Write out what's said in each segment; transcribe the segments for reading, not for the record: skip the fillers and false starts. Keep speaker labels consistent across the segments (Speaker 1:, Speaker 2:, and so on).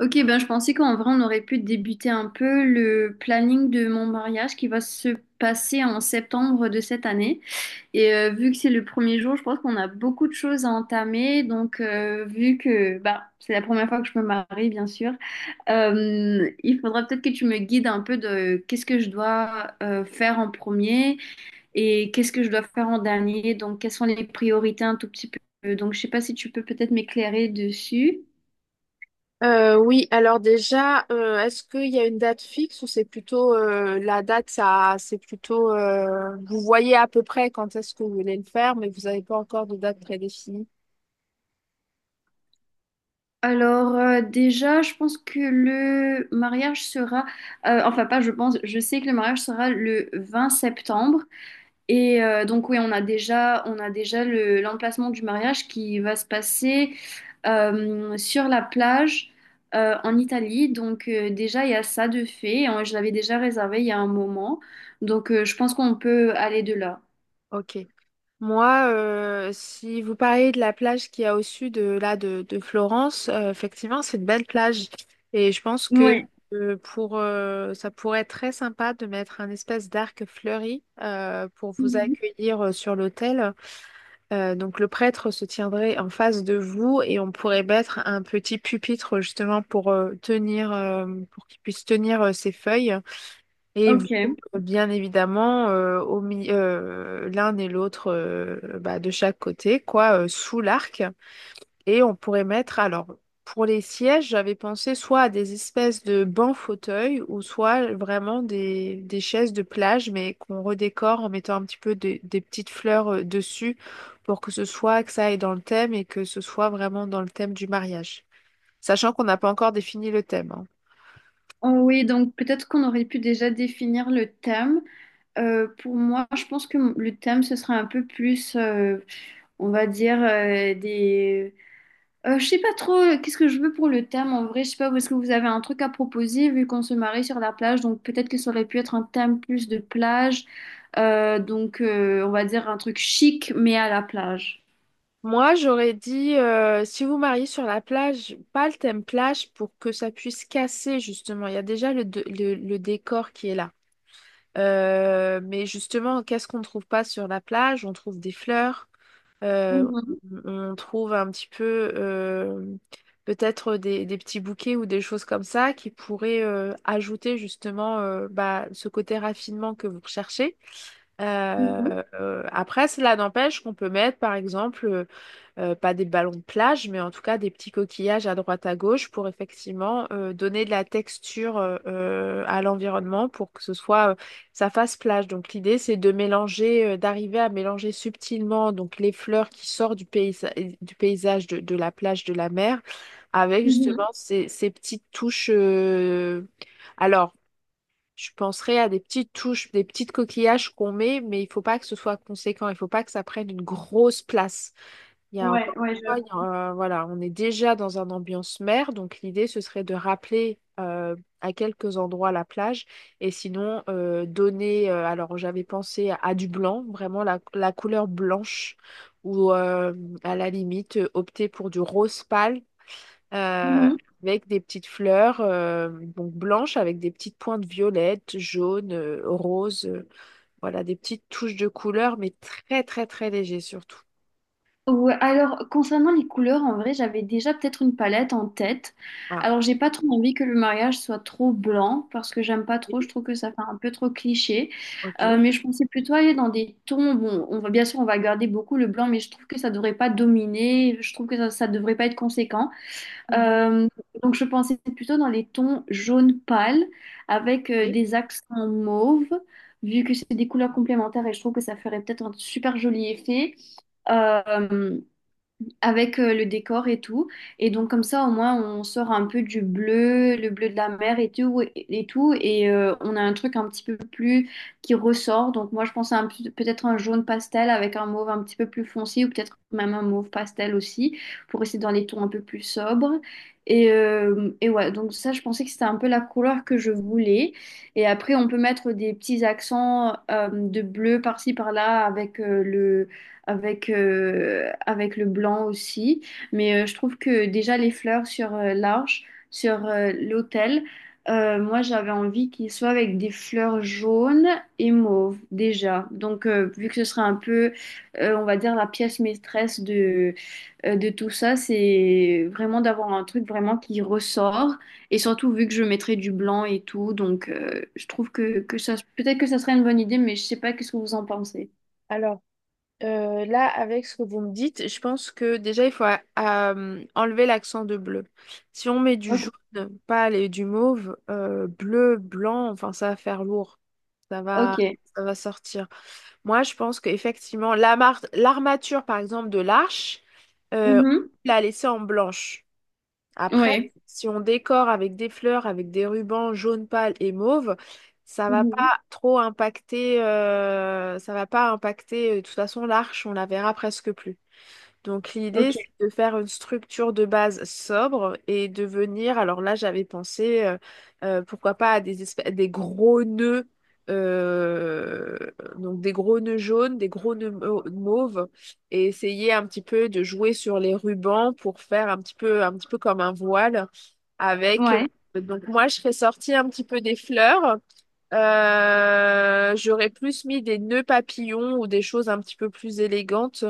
Speaker 1: Ok, ben je pensais qu'en vrai on aurait pu débuter un peu le planning de mon mariage qui va se passer en septembre de cette année. Et vu que c'est le premier jour, je pense qu'on a beaucoup de choses à entamer. Donc vu que c'est la première fois que je me marie, bien sûr, il faudra peut-être que tu me guides un peu de qu'est-ce que je dois faire en premier et qu'est-ce que je dois faire en dernier. Donc quelles sont les priorités un tout petit peu. Donc je sais pas si tu peux peut-être m'éclairer dessus.
Speaker 2: Oui, alors déjà, est-ce qu'il y a une date fixe ou c'est plutôt la date, ça, c'est plutôt vous voyez à peu près quand est-ce que vous voulez le faire, mais vous n'avez pas encore de date prédéfinie.
Speaker 1: Alors déjà, je pense que le mariage sera, enfin pas je pense, je sais que le mariage sera le 20 septembre et donc oui, on a déjà l'emplacement du mariage qui va se passer sur la plage en Italie. Donc déjà, il y a ça de fait. Hein, je l'avais déjà réservé il y a un moment, donc je pense qu'on peut aller de là.
Speaker 2: Ok. Moi, si vous parlez de la plage qu'il y a au sud de de Florence, effectivement, c'est une belle plage et je pense que
Speaker 1: Oui.
Speaker 2: pour ça pourrait être très sympa de mettre un espèce d'arc fleuri pour vous
Speaker 1: Mhm.
Speaker 2: accueillir sur l'hôtel. Donc le prêtre se tiendrait en face de vous et on pourrait mettre un petit pupitre justement pour tenir, pour qu'il puisse tenir ses feuilles. Et vous,
Speaker 1: Ok.
Speaker 2: bien évidemment, l'un et l'autre bah, de chaque côté, quoi, sous l'arc. Et on pourrait mettre, alors, pour les sièges, j'avais pensé soit à des espèces de bancs fauteuils ou soit vraiment des chaises de plage, mais qu'on redécore en mettant un petit peu des petites fleurs dessus pour que ce soit, que ça aille dans le thème et que ce soit vraiment dans le thème du mariage. Sachant qu'on n'a pas encore défini le thème, hein.
Speaker 1: Oh oui, donc peut-être qu'on aurait pu déjà définir le thème. Pour moi, je pense que le thème, ce sera un peu plus, on va dire, des... Je sais pas trop qu'est-ce que je veux pour le thème en vrai. Je sais pas, est-ce que vous avez un truc à proposer vu qu'on se marie sur la plage? Donc peut-être que ça aurait pu être un thème plus de plage. Donc on va dire un truc chic mais à la plage.
Speaker 2: Moi, j'aurais dit, si vous mariez sur la plage, pas le thème plage pour que ça puisse casser, justement. Il y a déjà le, de- le décor qui est là. Mais justement, qu'est-ce qu'on ne trouve pas sur la plage? On trouve des fleurs, euh,
Speaker 1: Mhm,
Speaker 2: on trouve un petit peu euh, peut-être des petits bouquets ou des choses comme ça qui pourraient ajouter justement bah, ce côté raffinement que vous recherchez.
Speaker 1: mhm,
Speaker 2: Après, cela n'empêche qu'on peut mettre par exemple pas des ballons de plage, mais en tout cas des petits coquillages à droite à gauche pour effectivement donner de la texture à l'environnement pour que ce soit ça fasse plage. Donc l'idée c'est de mélanger, d'arriver à mélanger subtilement donc les fleurs qui sortent du paysage de la plage de la mer avec justement
Speaker 1: mhm.
Speaker 2: ces petites touches. Alors je penserais à des petites touches, des petites coquillages qu'on met, mais il faut pas que ce soit conséquent, il faut pas que ça prenne une grosse place. Il y a
Speaker 1: Ouais,
Speaker 2: encore
Speaker 1: ouais,
Speaker 2: une fois, il y a un- voilà, on est déjà dans un ambiance mer, donc l'idée ce serait de rappeler à quelques endroits la plage et sinon donner. Alors j'avais pensé à du blanc, vraiment la couleur blanche, ou à la limite opter pour du rose pâle euh,
Speaker 1: j'avoue.
Speaker 2: avec des petites fleurs donc blanches avec des petites pointes violettes, jaunes, roses, voilà des petites touches de couleur, mais très très très léger surtout.
Speaker 1: Ouais, alors concernant les couleurs, en vrai, j'avais déjà peut-être une palette en tête.
Speaker 2: Ah.
Speaker 1: Alors j'ai pas trop envie que le mariage soit trop blanc parce que j'aime pas trop, je
Speaker 2: Oui.
Speaker 1: trouve que ça fait un peu trop cliché.
Speaker 2: Ok.
Speaker 1: Mais je pensais plutôt aller dans des tons. Bon, on va bien sûr on va garder beaucoup le blanc, mais je trouve que ça devrait pas dominer. Je trouve que ça devrait pas être conséquent.
Speaker 2: Mhm.
Speaker 1: Euh, donc je pensais plutôt dans les tons jaune pâle avec
Speaker 2: Oui.
Speaker 1: des accents mauve, vu que c'est des couleurs complémentaires et je trouve que ça ferait peut-être un super joli effet. Euh, Avec le décor et tout. Et donc comme ça, au moins, on sort un peu du bleu, le bleu de la mer et tout, et tout, et on a un truc un petit peu plus qui ressort. Donc moi, je pense à un peut-être un jaune pastel avec un mauve un petit peu plus foncé, ou peut-être même un mauve pastel aussi, pour rester dans les tons un peu plus sobres. Et ouais, donc ça, je pensais que c'était un peu la couleur que je voulais. Et après, on peut mettre des petits accents de bleu par-ci, par-là avec le avec, avec le blanc aussi. Mais je trouve que déjà les fleurs sur l'arche, sur l'autel, moi j'avais envie qu'il soit avec des fleurs jaunes et mauves déjà. Donc vu que ce serait un peu, on va dire, la pièce maîtresse de tout ça, c'est vraiment d'avoir un truc vraiment qui ressort. Et surtout vu que je mettrais du blanc et tout, donc je trouve que ça, peut-être que ça serait une bonne idée, mais je sais pas qu'est-ce que vous en pensez.
Speaker 2: Alors, là, avec ce que vous me dites, je pense que déjà, il faut enlever l'accent de bleu. Si on met du
Speaker 1: Ok.
Speaker 2: jaune, pâle et du mauve, bleu, blanc, enfin, ça va faire lourd. Ça va,
Speaker 1: Ok.
Speaker 2: ça va sortir. Moi, je pense qu'effectivement, l'armature, par exemple, de l'arche, euh,
Speaker 1: Mhm.
Speaker 2: on l'a laissée en blanche. Après,
Speaker 1: Ouais.
Speaker 2: si on décore avec des fleurs, avec des rubans jaune pâle et mauve, ça va
Speaker 1: Mhm.
Speaker 2: pas trop impacter, ça va pas impacter, de toute façon, l'arche, on la verra presque plus. Donc l'idée,
Speaker 1: Ok.
Speaker 2: c'est de faire une structure de base sobre et de venir, alors là j'avais pensé, pourquoi pas à des gros nœuds, euh, donc des gros nœuds jaunes, des gros nœuds mauves, et essayer un petit peu de jouer sur les rubans pour faire un petit peu comme un voile avec...
Speaker 1: Ouais.
Speaker 2: donc moi je serais sortie un petit peu des fleurs. J'aurais plus mis des nœuds papillons ou des choses un petit peu plus élégantes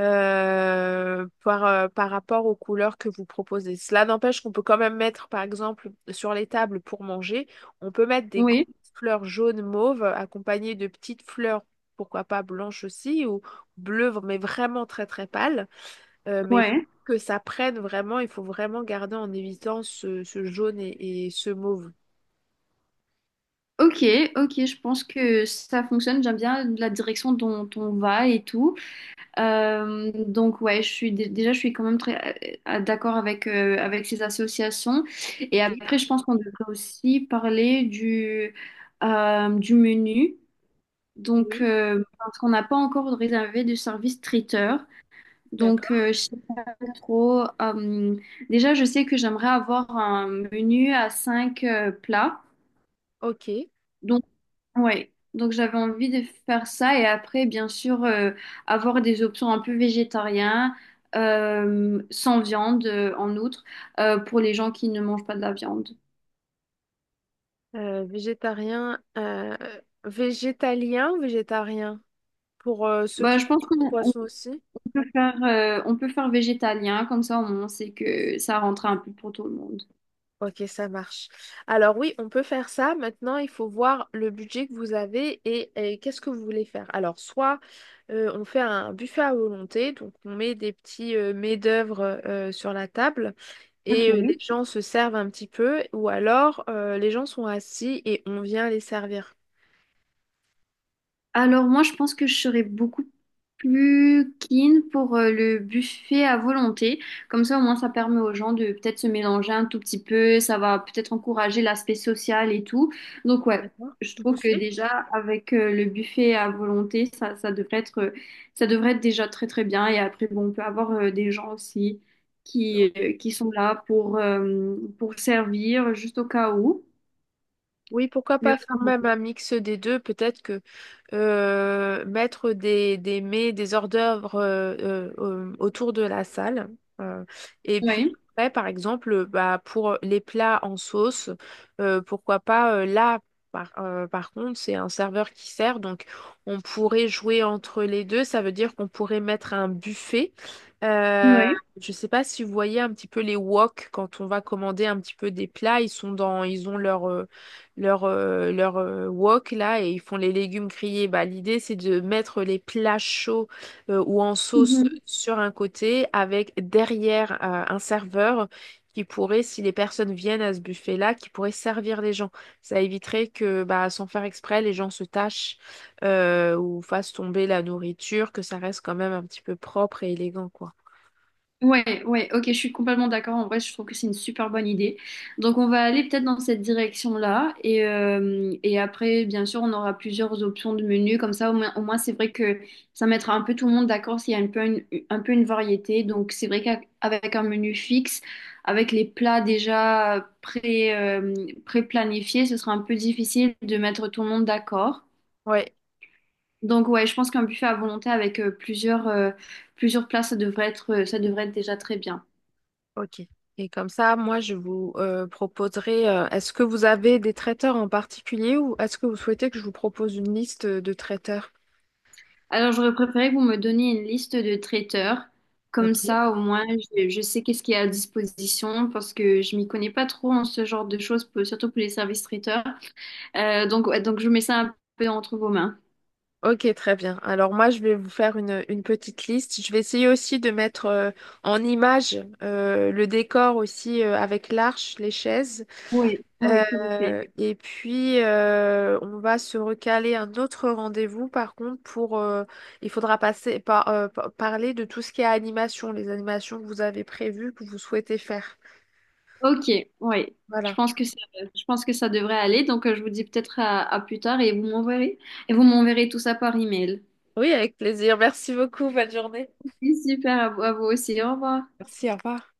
Speaker 2: par rapport aux couleurs que vous proposez. Cela n'empêche qu'on peut quand même mettre, par exemple, sur les tables pour manger, on peut mettre
Speaker 1: Oui.
Speaker 2: fleurs jaunes mauves accompagnées de petites fleurs, pourquoi pas blanches aussi, ou bleues, mais vraiment très très pâles. Mais faut
Speaker 1: Ouais.
Speaker 2: que ça prenne vraiment, il faut vraiment garder en évitant ce jaune et ce mauve.
Speaker 1: Ok. Ok. Je pense que ça fonctionne. J'aime bien la direction dont on va et tout. Donc ouais, je suis déjà, je suis quand même très d'accord avec avec ces associations. Et
Speaker 2: Ok.
Speaker 1: après, je pense qu'on devrait aussi parler du menu. Donc
Speaker 2: Oui,
Speaker 1: parce qu'on n'a pas encore réservé de service traiteur. Donc
Speaker 2: d'accord.
Speaker 1: trop. Déjà, je sais que j'aimerais avoir un menu à 5 plats.
Speaker 2: Ok.
Speaker 1: Donc, ouais. Donc, j'avais envie de faire ça. Et après, bien sûr, avoir des options un peu végétariennes, sans viande, en outre, pour les gens qui ne mangent pas de la viande.
Speaker 2: Végétarien, végétalien, végétarien, pour ceux
Speaker 1: Bah,
Speaker 2: qui
Speaker 1: je pense
Speaker 2: mangent pas de
Speaker 1: qu'on
Speaker 2: poisson aussi.
Speaker 1: on peut faire végétalien, comme ça, au moins, c'est que ça rentre un peu pour tout le monde.
Speaker 2: Ok, ça marche. Alors oui, on peut faire ça. Maintenant, il faut voir le budget que vous avez et qu'est-ce que vous voulez faire. Alors, soit on fait un buffet à volonté, donc on met des petits mets-d'œuvre sur la table et les
Speaker 1: Ok.
Speaker 2: gens se servent un petit peu, ou alors les gens sont assis et on vient les servir.
Speaker 1: Alors moi, je pense que je serais beaucoup plus keen pour le buffet à volonté. Comme ça, au moins, ça permet aux gens de peut-être se mélanger un tout petit peu. Ça va peut-être encourager l'aspect social et tout. Donc ouais,
Speaker 2: D'accord.
Speaker 1: je trouve que
Speaker 2: Buffet?
Speaker 1: déjà avec le buffet à volonté, ça devrait être déjà très très bien. Et après, bon, on peut avoir des gens aussi qui sont là pour servir juste au cas où.
Speaker 2: Oui, pourquoi
Speaker 1: Mais
Speaker 2: pas faire
Speaker 1: autrement,
Speaker 2: même un mix des deux? Peut-être que mettre des hors-d'œuvre autour de la salle. euh, et puis
Speaker 1: oui,
Speaker 2: après, par exemple, bah, pour les plats en sauce, pourquoi pas là, par contre, c'est un serveur qui sert, donc on pourrait jouer entre les deux. Ça veut dire qu'on pourrait mettre un buffet. Euh,
Speaker 1: oui.
Speaker 2: je ne sais pas si vous voyez un petit peu les wok quand on va commander un petit peu des plats, ils sont dans, ils ont leur wok là et ils font les légumes grillés. Bah, l'idée c'est de mettre les plats chauds ou en sauce sur un côté avec derrière un serveur qui pourrait, si les personnes viennent à ce buffet-là, qui pourrait servir les gens. Ça éviterait que bah, sans faire exprès, les gens se tâchent ou fassent tomber la nourriture, que ça reste quand même un petit peu propre et élégant, quoi.
Speaker 1: Ouais, ouais, ok, je suis complètement d'accord. En vrai, je trouve que c'est une super bonne idée. Donc, on va aller peut-être dans cette direction-là. Et après, bien sûr, on aura plusieurs options de menus. Comme ça, au moins, c'est vrai que ça mettra un peu tout le monde d'accord s'il y a un peu une variété. Donc, c'est vrai qu'avec un menu fixe, avec les plats pré-planifiés, ce sera un peu difficile de mettre tout le monde d'accord.
Speaker 2: Ouais.
Speaker 1: Donc, ouais, je pense qu'un buffet à volonté avec plusieurs, plusieurs plats, ça devrait être déjà très bien.
Speaker 2: Ok. Et comme ça, moi, je vous proposerai, est-ce que vous avez des traiteurs en particulier ou est-ce que vous souhaitez que je vous propose une liste de traiteurs?
Speaker 1: Alors, j'aurais préféré que vous me donniez une liste de traiteurs. Comme
Speaker 2: Ok.
Speaker 1: ça, au moins, je sais qu'est-ce qui est à disposition parce que je m'y connais pas trop en ce genre de choses, pour- surtout pour les services traiteurs. Donc, ouais, donc, je mets ça un peu entre vos mains.
Speaker 2: Ok, très bien. Alors moi, je vais vous faire une petite liste. Je vais essayer aussi de mettre en image le décor aussi avec l'arche, les chaises.
Speaker 1: Oui, oui, s'il vous plaît.
Speaker 2: Et puis, on va se recaler un autre rendez-vous, par contre, pour, il faudra passer par, parler de tout ce qui est animation, les animations que vous avez prévues, que vous souhaitez faire.
Speaker 1: Ok, oui. Je
Speaker 2: Voilà.
Speaker 1: pense que ça, je pense que ça devrait aller. Donc, je vous dis peut-être à plus tard et vous m'enverrez tout ça par email.
Speaker 2: Oui, avec plaisir. Merci beaucoup. Bonne journée.
Speaker 1: Oui, super, à vous aussi. Au revoir.
Speaker 2: Merci, au revoir.